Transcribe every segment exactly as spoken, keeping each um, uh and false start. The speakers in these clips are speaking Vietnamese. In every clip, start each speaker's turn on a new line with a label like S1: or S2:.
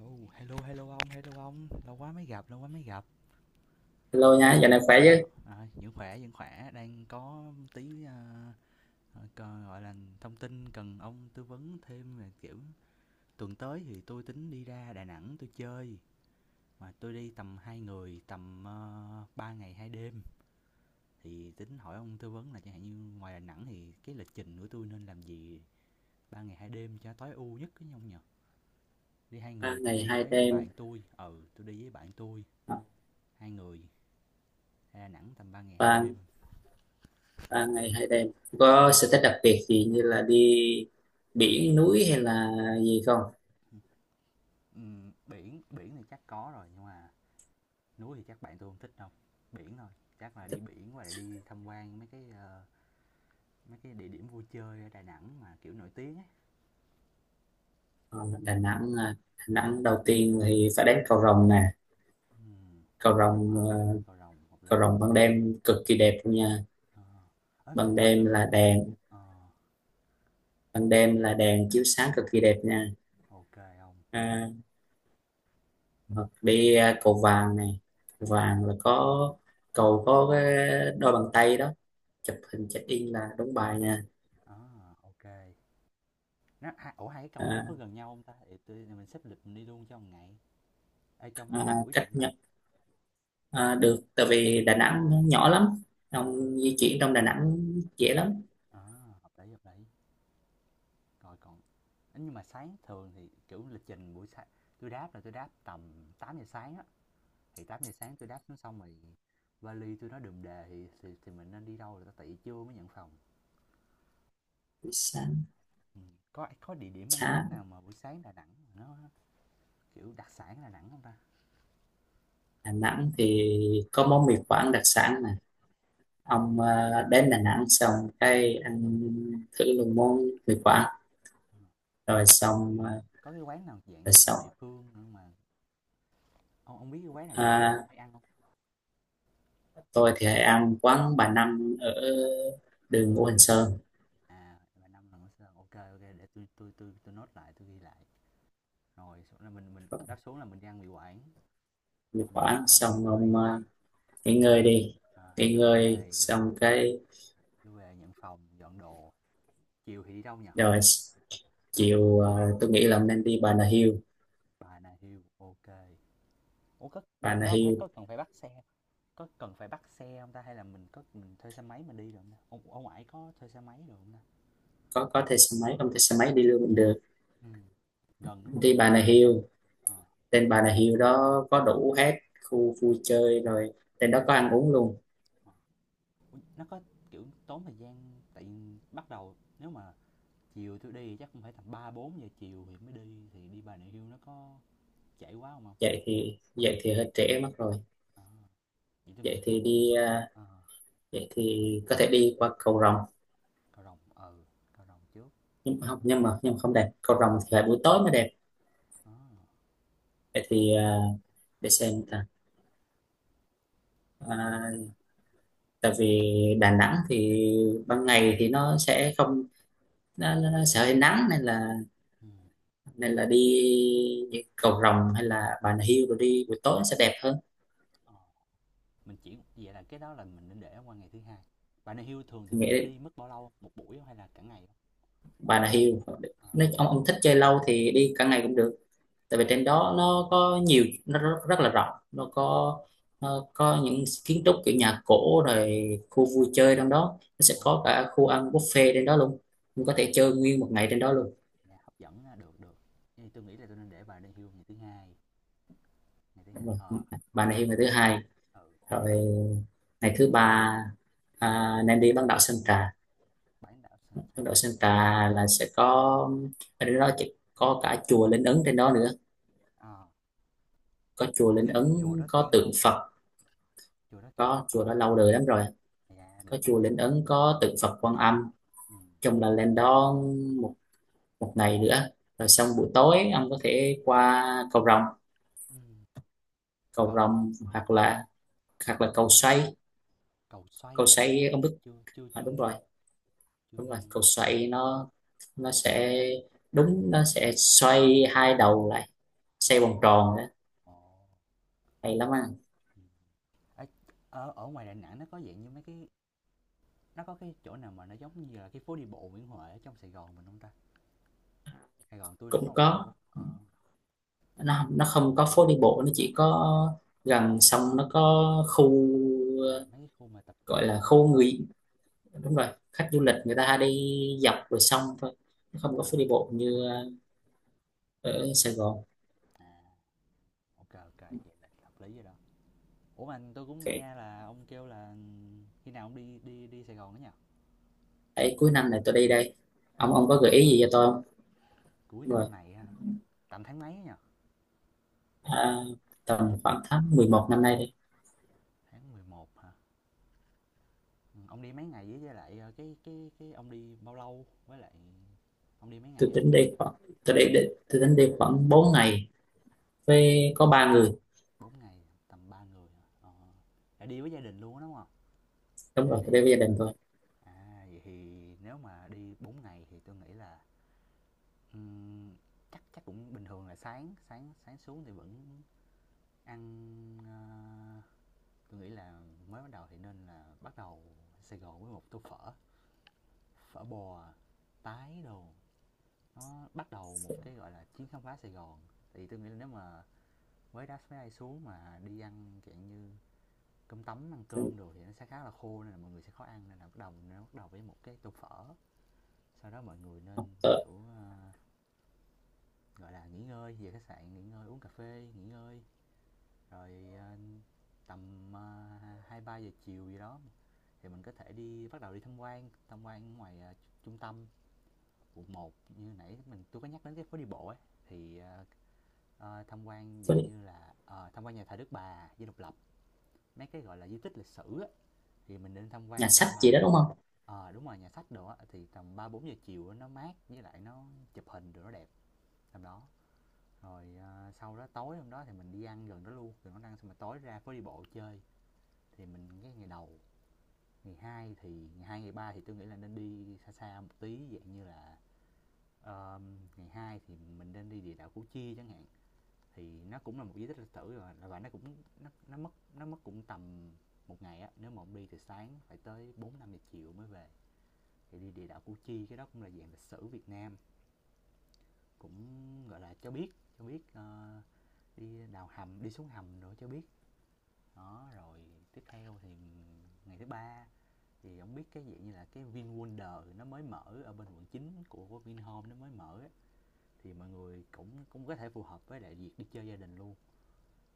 S1: Ồ, hello hello ông, hello ông, lâu quá mới gặp, lâu quá mới gặp.
S2: Hello nhá, giờ này
S1: Ờ,
S2: khỏe chứ?
S1: nó- à, vẫn khỏe, vẫn khỏe, đang có tí à, ờ, co- gọi là thông tin cần ông tư vấn thêm về kiểu tuần tới thì tôi tính đi ra Đà Nẵng tôi chơi, mà tôi đi tầm hai người, tầm uh, ba ngày hai đêm. Thì tính hỏi ông tư vấn là chẳng hạn như ngoài Đà Nẵng thì cái lịch trình của tôi nên làm gì ba ngày hai đêm cho tối ưu nhất cái ông nhỉ? Đi hai
S2: Ba
S1: người, tôi
S2: ngày
S1: đi
S2: hai
S1: với
S2: đêm,
S1: bạn tôi, ừ, tôi đi với bạn tôi,
S2: à,
S1: hai người, Đà Nẵng tầm ba ngày hai
S2: ba
S1: đêm.
S2: ba ngày hai đêm. Có sở thích đặc biệt gì như là đi biển núi hay là gì không?
S1: Ừm, Biển biển thì chắc có rồi nhưng mà núi thì chắc bạn tôi không thích đâu. Biển thôi, chắc là đi biển và đi tham quan mấy cái ờ, mấy cái địa điểm vui chơi ở Đà Nẵng mà kiểu nổi tiếng ấy.
S2: Ờ, Đà Nẵng, à, Đà Nẵng đầu tiên thì phải đến cầu Rồng nè.
S1: Ừm,
S2: Cầu
S1: cầu rồng
S2: Rồng,
S1: ờ
S2: ờ,
S1: à, cầu rồng hợp
S2: cầu
S1: lý.
S2: Rồng ban đêm cực kỳ đẹp luôn nha.
S1: Ờ, ơ từ
S2: Ban
S1: từ
S2: đêm
S1: từ,
S2: là đèn,
S1: ờ,
S2: ban đêm là đèn chiếu sáng cực kỳ đẹp nha.
S1: ok không,
S2: À, hoặc đi à, cầu Vàng này, cầu Vàng là có cầu có cái đôi bàn tay đó, chụp hình check in là đúng bài nha.
S1: ờ à, ok. Nó ha- ủa, hai cái cầu nó có
S2: À,
S1: gần nhau không ta? Thì tôi, mình xếp lịch mình đi luôn trong ngày, ở trong trong
S2: à,
S1: buổi được
S2: cách
S1: không ta?
S2: nhận à, được tại vì Đà Nẵng nó nhỏ lắm,
S1: Đó,
S2: ông di chuyển trong Đà Nẵng dễ lắm.
S1: ờ, hợp lý hợp lý. Rồi còn ấy, nhưng mà sáng thường thì, kiểu, lịch trình buổi sáng tôi đáp là tôi đáp tầm tám giờ sáng á, thì tám giờ sáng tôi đáp xuống xong rồi vali tôi nó đùm đề thì thì thì mình nên đi đâu là tại vì trưa mới nhận phòng.
S2: sáng
S1: Ừm, có có địa điểm ăn uống
S2: sáng
S1: nào mà buổi sáng Đà Nẵng mà nó, kiểu, đặc sản Đà Nẵng không ta?
S2: Đà Nẵng thì có món mì Quảng đặc sản nè
S1: Đi
S2: ông,
S1: quẩy
S2: à,
S1: ờ,
S2: đến Đà Nẵng xong cái ăn thử luôn món mì Quảng
S1: ờ. Ơ,
S2: rồi
S1: mà có
S2: xong, à,
S1: có cái quán nào
S2: rồi
S1: dạng như địa
S2: xong,
S1: phương nữa mà ông ông biết cái quán nào địa phương ông
S2: à,
S1: hay ăn không?
S2: tôi thì hay ăn quán bà Năm ở
S1: Ờ,
S2: đường Ngũ Hành Sơn.
S1: à, là năm lần ở Sài, ok. Ô, để tôi tôi tôi tôi note lại, tôi ghi lại. Rồi là mình mình đáp xuống là mình đi ăn mì quảng,
S2: Mì
S1: xong rồi
S2: Quảng
S1: chắc là nghỉ
S2: xong
S1: ngơi một
S2: ông,
S1: tí,
S2: à, nghỉ ngơi đi,
S1: à,
S2: nghỉ
S1: trưa
S2: ngơi
S1: về,
S2: xong cái
S1: chưa về nhận phòng dọn đồ. Chiều thì đi đâu nhỉ?
S2: rồi chiều à, tôi nghĩ là ông nên đi Bà Nà Hills.
S1: Bà Nà Hills ok, ủa có
S2: Bà
S1: gần
S2: Nà
S1: đó không hay có
S2: Hills
S1: cần phải bắt xe, có cần phải bắt xe không ta, hay là mình có mình thuê xe máy mình đi được không ta, ông ông ải có thuê xe máy được không ta,
S2: có có thuê xe máy
S1: có
S2: không thuê xe
S1: có
S2: máy đi
S1: không?
S2: luôn cũng được.
S1: Ừ, gần đúng không,
S2: Đi Bà
S1: gần
S2: Nà
S1: chứ,
S2: Hills
S1: ờ,
S2: trên Bà Nà Hills đó có đủ hết khu vui chơi rồi, trên đó có ăn uống luôn.
S1: ờ. Ủa, nó có kiểu tốn thời gian tại bắt đầu, nếu mà chiều tôi đi chắc cũng phải tầm ba bốn giờ chiều thì mới đi thì đi Bà Nà Hills nó có trễ quá không không,
S2: Vậy thì vậy thì hơi trễ mất rồi,
S1: à, vậy tôi nghĩ
S2: vậy
S1: là
S2: thì đi à,
S1: ờ,
S2: vậy thì có thể đi qua cầu Rồng,
S1: Cao Rồng ừ, Cao Rồng trước.
S2: nhưng mà không nhưng mà nhưng mà không đẹp, cầu Rồng thì phải buổi tối mới đẹp.
S1: Ờ,
S2: Vậy thì à, để xem ta, à, tại vì Đà Nẵng thì ban ngày thì nó sẽ không, nó, nó nó sẽ hơi nắng nên là,
S1: ừ,
S2: nên là đi những cầu rồng hay là Bà Nà Hills rồi đi buổi tối nó sẽ đẹp hơn.
S1: ờ. Mình chỉ vậy là cái đó là mình nên để qua ngày thứ hai. Bà Nà Hills thường thì
S2: Thì
S1: mình sẽ
S2: nghĩ
S1: đi mất bao lâu, một buổi không hay là cả ngày không?
S2: Bà Nà Hills,
S1: Ờ,
S2: nếu ông ông thích chơi lâu thì đi cả ngày cũng được, tại vì
S1: uầy,
S2: trên đó nó có nhiều, nó rất, rất là rộng, nó
S1: ờ,
S2: có, nó có những kiến trúc kiểu nhà cổ rồi khu vui chơi, trong đó nó sẽ
S1: ồ,
S2: có cả khu ăn buffet trên đó luôn, mình
S1: dạ
S2: có
S1: hấp,
S2: thể chơi nguyên một ngày trên đó luôn.
S1: dạ hấp dẫn ha, được được. Thì tôi nghĩ là tôi nên để bà Lê Hưu ngày thứ hai, ngày thứ hai.
S2: Đúng rồi.
S1: Ờ,
S2: Bà Nà Hills ngày thứ hai,
S1: ừ,
S2: rồi
S1: chắc tôi
S2: ngày thứ ba à, nên đi bán đảo Sơn Trà.
S1: bán đảo Sơn Trà.
S2: Ấn Độ Santa là sẽ có, ở đó chỉ có cả chùa Linh Ứng trên đó nữa,
S1: Ờ,
S2: có chùa Linh
S1: Thiên ông chùa
S2: Ứng
S1: đó,
S2: có
S1: Thiên ông
S2: tượng
S1: không?
S2: Phật,
S1: Chùa đó kiểu,
S2: có chùa
S1: ờ,
S2: đó lâu đời lắm rồi,
S1: dạ, được
S2: có
S1: quá
S2: chùa
S1: nha.
S2: Linh Ứng có tượng Phật Quan Âm.
S1: Ừm,
S2: Chung là lên đó một, một ngày nữa, rồi xong buổi tối ông có thể qua cầu Rồng,
S1: ừm,
S2: cầu
S1: còn,
S2: Rồng
S1: ờ,
S2: hoặc là, hoặc là cầu Xoay.
S1: cầu xoay
S2: Cầu
S1: gì nữa,
S2: Xoay ông biết,
S1: Chưa chưa
S2: à,
S1: chưa
S2: đúng rồi,
S1: nghe, chưa
S2: đúng
S1: nghe
S2: rồi,
S1: nha.
S2: cầu Xoay nó nó sẽ, đúng, nó sẽ xoay hai đầu lại,
S1: Ờ,
S2: xoay vòng tròn đó,
S1: ồ,
S2: hay lắm anh.
S1: ừm. Ấy, ở ở ngoài Đà Nẵng nó có dạng như mấy cái, nó có cái chỗ nào mà nó giống như là cái phố đi bộ Nguyễn Huệ ở trong Sài Gòn mình hông ta? Sài Gòn tôi nó có
S2: Cũng
S1: một
S2: có,
S1: chỗ ờ, tui
S2: nó nó không có phố đi bộ, nó chỉ có
S1: kiểu
S2: gần
S1: mà,
S2: sông, nó có khu
S1: ờ,
S2: ờ,
S1: mấy cái khu mà tập
S2: gọi
S1: trung
S2: là
S1: mà
S2: khu người, đúng rồi, khách du
S1: đúng
S2: lịch
S1: rồi,
S2: người ta hay đi dọc bờ sông thôi, nó không có phố
S1: đó,
S2: đi bộ như ờ, ở
S1: ừm,
S2: Sài Gòn.
S1: à, ô kê, vậy là hợp lý rồi đó. Ủa, mà tôi cũng
S2: Ok.
S1: nghe là ông kêu là khi nào ông đi đi đi Sài Gòn đó nhỉ?
S2: Đấy, cuối năm này tôi đi
S1: Ờ,
S2: đây, ông ông
S1: cuối
S2: có gợi
S1: năm
S2: ý
S1: á,
S2: gì cho tôi không?
S1: cuối
S2: Đúng rồi.
S1: năm này ha, tầm tháng mấy á nhỉ?
S2: À, tầm khoảng tháng mười một năm nay đi.
S1: Tháng mười một hả? Ừ, ông đi mấy ngày với với lại ờ, cái cái cái ông đi bao lâu với lại ông đi mấy ngày
S2: Tôi
S1: ấy?
S2: tính đi khoảng, tôi đi, đi, tôi tính đi khoảng bốn ngày với có ba
S1: Ừ.
S2: người.
S1: bốn ngày tầm ba người hả? Ờ. Là đi với gia đình luôn á đúng không?
S2: Đúng
S1: Hay
S2: rồi,
S1: là
S2: tôi
S1: đi
S2: đi
S1: bạn?
S2: với gia đình thôi.
S1: À vậy thì nếu mà đi bốn ngày thì tôi nghĩ là ừm, chắc chắc cũng bình thường là sáng sáng sáng xuống thì vẫn ăn, ờ, tôi nghĩ là mới bắt đầu thì nên là bắt đầu Sài Gòn với một tô phở, phở bò tái đồ, nó bắt đầu một cái gọi là chuyến khám phá Sài Gòn. Thì tôi nghĩ là nếu mà với đá máy bay xuống mà đi ăn dạng như cơm tấm ăn cơm đồ thì nó sẽ khá là khô nên là mọi người sẽ khó ăn, nên là bắt đầu nó bắt đầu với một cái tô phở, sau đó mọi người nên
S2: Tôi,
S1: kiểu ờ, gọi là nghỉ ngơi về khách sạn nghỉ ngơi uống cà phê nghỉ ngơi, rồi ờ, tầm ờ, hai ba giờ chiều gì đó thì mình có thể đi bắt đầu đi tham quan tham quan ngoài ờ, trung tâm quận một như nãy mình tôi có nhắc đến cái phố đi bộ ấy, thì ờ, ờ, tham quan dạng
S2: với
S1: như là ờ, tham quan nhà thờ Đức Bà, Dinh Độc Lập, mấy cái gọi là di tích lịch sử á, thì mình nên tham
S2: nhà
S1: quan
S2: sách
S1: tầm
S2: gì
S1: ba,
S2: đó đúng không?
S1: ờ à, đúng rồi nhà sách đồ á thì tầm ba bốn giờ chiều á, nó mát với lại nó chụp hình rồi nó đẹp tầm đó. Rồi ờ, sau đó tối hôm đó thì mình đi ăn gần đó luôn, rồi nó ăn xong mà tối ra phố đi bộ chơi thì mình cái ngày đầu ngày hai thì ngày hai ngày ba thì tôi nghĩ là nên đi xa xa một tí dạng như là ờ, ngày hai thì mình nên đi địa đạo Củ Chi chẳng hạn, thì nó cũng là một di tích lịch sử rồi và nó cũng nó, nó mất nó mất cũng tầm một ngày á, nếu mà ông đi từ sáng phải tới bốn năm giờ chiều mới về, thì đi địa đạo Củ Chi cái đó cũng là dạng lịch sử Việt Nam, cũng gọi là cho biết, cho biết ờ, đi đào hầm đi xuống hầm rồi cho biết. Đó rồi tiếp theo thì ngày thứ ba thì ông biết cái dạng như là cái VinWonder nó mới mở ở bên quận chín của Vinhome nó mới mở á, thì mọi người cũng cũng có thể phù hợp với đại việc đi chơi gia đình luôn.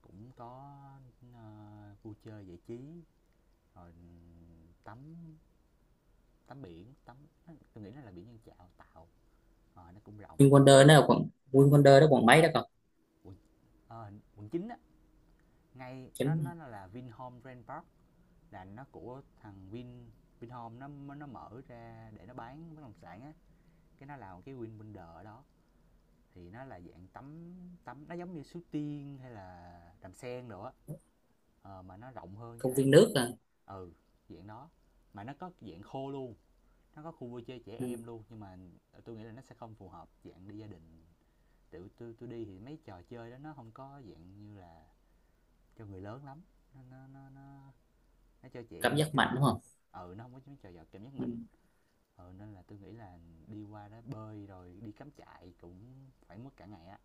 S1: Cũng có, ơ, vui chơi giải trí, rồi tắm, tắm biển, tắm, tôi nghĩ nó là biển Nhân Chạo, Tạo, ờ, nó cũng rộng.
S2: Vinwonder nó là quận, Vinwonder đó quận mấy đó cậu?
S1: Quận ờ, quận chín á, ngay nó
S2: Chính
S1: nó là Vinhome Grand Park, là nó của thằng Vin, Vinhome nó nó mở ra để nó bán bất động sản á, cái nó làm cái Vinwonders ở đó. Thì nó là dạng tắm, tắm nó giống như Suối Tiên hay là Đàm Sen đồ á, ờ, mà nó rộng hơn với
S2: công
S1: lại
S2: viên nước à.
S1: ừ, dạng đó, mà nó có dạng khô luôn. Nó có khu vui chơi trẻ em
S2: Ừ,
S1: luôn nhưng mà tôi nghĩ là nó sẽ không phù hợp dạng đi gia đình, tự tôi tôi đi thì mấy trò chơi đó nó không có dạng như là cho người lớn lắm, nó nó nó nó nó cho trẻ
S2: cảm
S1: em
S2: giác mạnh
S1: chơi
S2: đúng
S1: thôi,
S2: không?
S1: ừ nó không có mấy trò giò cảm giác
S2: Ừ.
S1: mạnh. Ừ nên là tôi nghĩ là đi qua đó bơi rồi đi cắm trại cũng phải mất cả ngày á.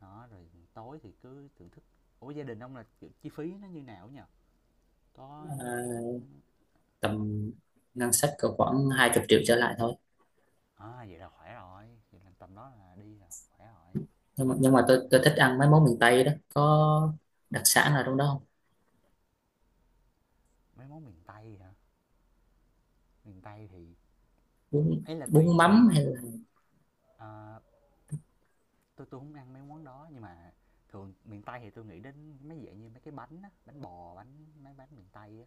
S1: Đó rồi tối thì cứ thưởng thức, ủa gia đình ông là kiểu chi phí nó như nào á, có kiểu,
S2: À, tầm ngân sách cỡ khoảng hai mươi triệu trở lại thôi.
S1: à vậy là khỏe rồi, vậy là tầm đó là đi là khỏe rồi.
S2: Nhưng mà, nhưng mà tôi tôi thích ăn mấy món miền Tây đó, có đặc sản nào trong đó không?
S1: Mấy món miền tây hả, miền Tây thì
S2: bún
S1: ấy là tùy
S2: bún
S1: tùy,
S2: mắm hay là
S1: à, tôi tôi không ăn mấy món đó, nhưng mà thường miền Tây thì tôi nghĩ đến mấy dạng như mấy cái bánh á, bánh bò, bánh mấy bánh miền Tây á,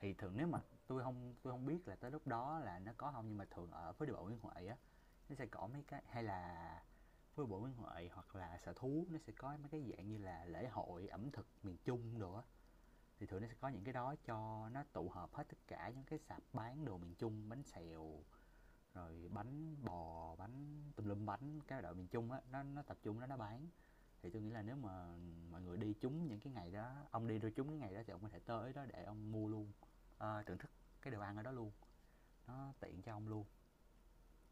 S1: thì thường nếu mà tôi không, tôi không biết là tới lúc đó là nó có không nhưng mà thường ở phố đi bộ Nguyễn Huệ á, nó sẽ có mấy cái hay là phố đi bộ Nguyễn Huệ hoặc là Sở Thú nó sẽ có mấy cái dạng như là lễ hội ẩm thực miền Trung đồ á, thì thường nó sẽ có những cái đó cho nó tụ hợp hết tất cả những cái sạp bán đồ miền Trung, bánh xèo, rồi bánh bò, bánh tùm lum bánh, cái đội miền Trung á, nó nó tập trung đó nó bán. Thì tôi nghĩ là nếu mà mọi người đi trúng những cái ngày đó, ông đi rồi trúng cái ngày đó thì ông có thể tới đó để ông mua luôn, ờ, thưởng thức cái đồ ăn ở đó luôn, nó tiện cho ông luôn.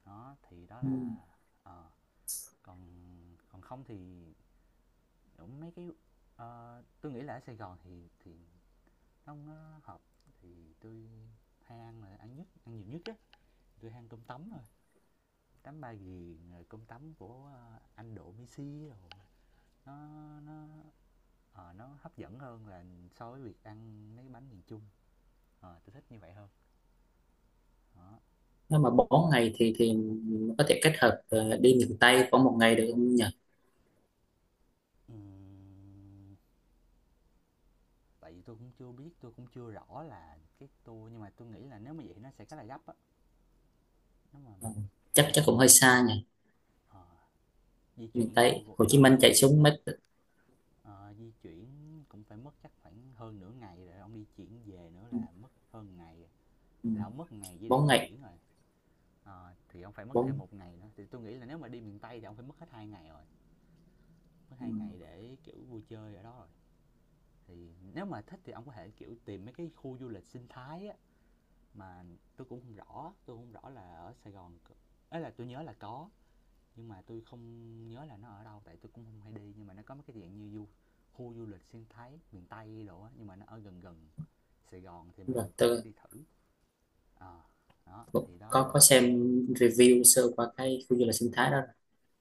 S1: Đó, thì đó
S2: ừ.
S1: là ờ, còn còn không thì cũng mấy cái ờ, tôi nghĩ là ở Sài Gòn thì thì nó nó hợp, thì tôi hay ăn là ăn nhất, ăn nhiều nhất á, tôi hay ăn cơm tấm, rồi tắm ba ghiền, rồi cơm tấm của ờ, anh độ messi, rồi nó nó ờ, nó hấp dẫn hơn là so với việc ăn mấy cái bánh miền trung, à tôi thích như vậy hơn. Đó,
S2: Nếu mà bốn ngày thì thì mình có thể kết hợp ờ, đi miền Tây khoảng một ngày được không nhỉ?
S1: ừm, tại vì tôi cũng chưa biết, tôi cũng chưa rõ là cái tour, nhưng mà tôi nghĩ là nếu mà vậy nó sẽ khá là gấp á, nếu mà
S2: Ờ,
S1: miền
S2: chắc chắc
S1: tây
S2: cũng hơi xa nhỉ,
S1: ờ, di
S2: miền
S1: chuyển đâu
S2: Tây
S1: rồi-
S2: Hồ Chí
S1: ờ,
S2: Minh
S1: di
S2: chạy
S1: chuyển
S2: xuống mấy,
S1: ờ, di chuyển cũng phải mất chắc khoảng hơn nửa ngày rồi ông đi chuyển về nữa
S2: ừ,
S1: là mất hơn ngày rồi.
S2: ừ,
S1: Là ông mất ngày chỉ để
S2: bốn
S1: di
S2: ngày,
S1: chuyển rồi. Ờ, thì ông phải mất thêm
S2: bốn,
S1: một ngày nữa, thì tôi nghĩ là nếu mà đi miền Tây thì ông phải mất hết hai ngày rồi, mất
S2: ừ,
S1: hai ngày để kiểu vui chơi ở đó rồi. Thì nếu mà thích thì ông có thể kiểu tìm mấy cái khu du lịch sinh thái á, mà tôi cũng không rõ, tôi không rõ là ở Sài Gòn ấy là tôi nhớ là có, nhưng mà tôi không nhớ là nó ở đâu tại tôi cũng không hay đi, nhưng mà nó có mấy cái dạng như du, khu du lịch sinh thái miền Tây đồ á nhưng mà nó ở gần gần Sài Gòn, thì
S2: đúng
S1: mọi
S2: rồi,
S1: người có thể
S2: tôi
S1: đi thử. Ờ, đó
S2: cũng
S1: thì đó
S2: có có
S1: là
S2: xem review sơ qua cái khu du lịch sinh thái đó.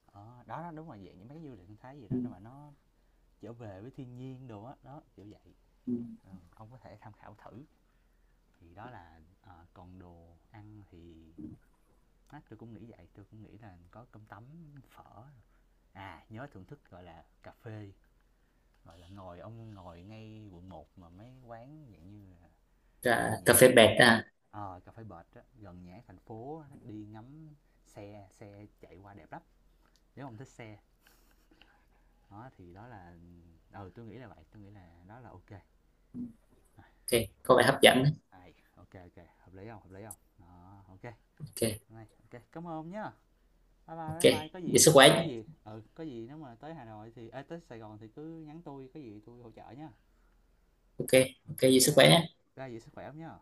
S1: ờ, đó, đó đúng là dạng những mấy cái du lịch sinh thái gì đó
S2: Ừ,
S1: nhưng mà nó trở về với thiên nhiên đồ á, đó đó kiểu vậy.
S2: ừ.
S1: Ừ, ông có thể tham khảo thử. Thì đó là ờ, còn đồ ăn thì á, tôi cũng nghĩ vậy, tôi cũng nghĩ là có cơm tấm, phở, à nhớ thưởng thức gọi là cà phê, gọi là ngồi ông ngồi ngay quận một mà mấy quán dạng như là
S2: Cà,
S1: gần
S2: cà
S1: nhà
S2: phê
S1: hát thành,
S2: bẹt à?
S1: ờ à, cà phê bệt á gần nhà hát thành phố á, đi ngắm xe, xe chạy qua đẹp lắm nếu ông thích xe. Đó thì đó là ừ tôi nghĩ là vậy, tôi nghĩ là đó là ok.
S2: Ok, có vẻ hấp dẫn đấy.
S1: Hay, ok ok, hợp lý không? Hợp lý không? Đó, ok.
S2: Ok.
S1: Này, ok, cảm ơn nhá. Bye bye,
S2: Ok,
S1: bye bye, có
S2: giữ
S1: gì
S2: sức
S1: ờ, có
S2: khỏe.
S1: gì ừ, có gì nếu mà tới Hà Nội thì ê, tới Sài Gòn thì cứ nhắn tôi, có gì tôi hỗ trợ nha.
S2: Ok. Ok,
S1: Ok,
S2: giữ
S1: ok.
S2: sức khỏe nhé.
S1: Ra vậy sức khỏe hông nhá.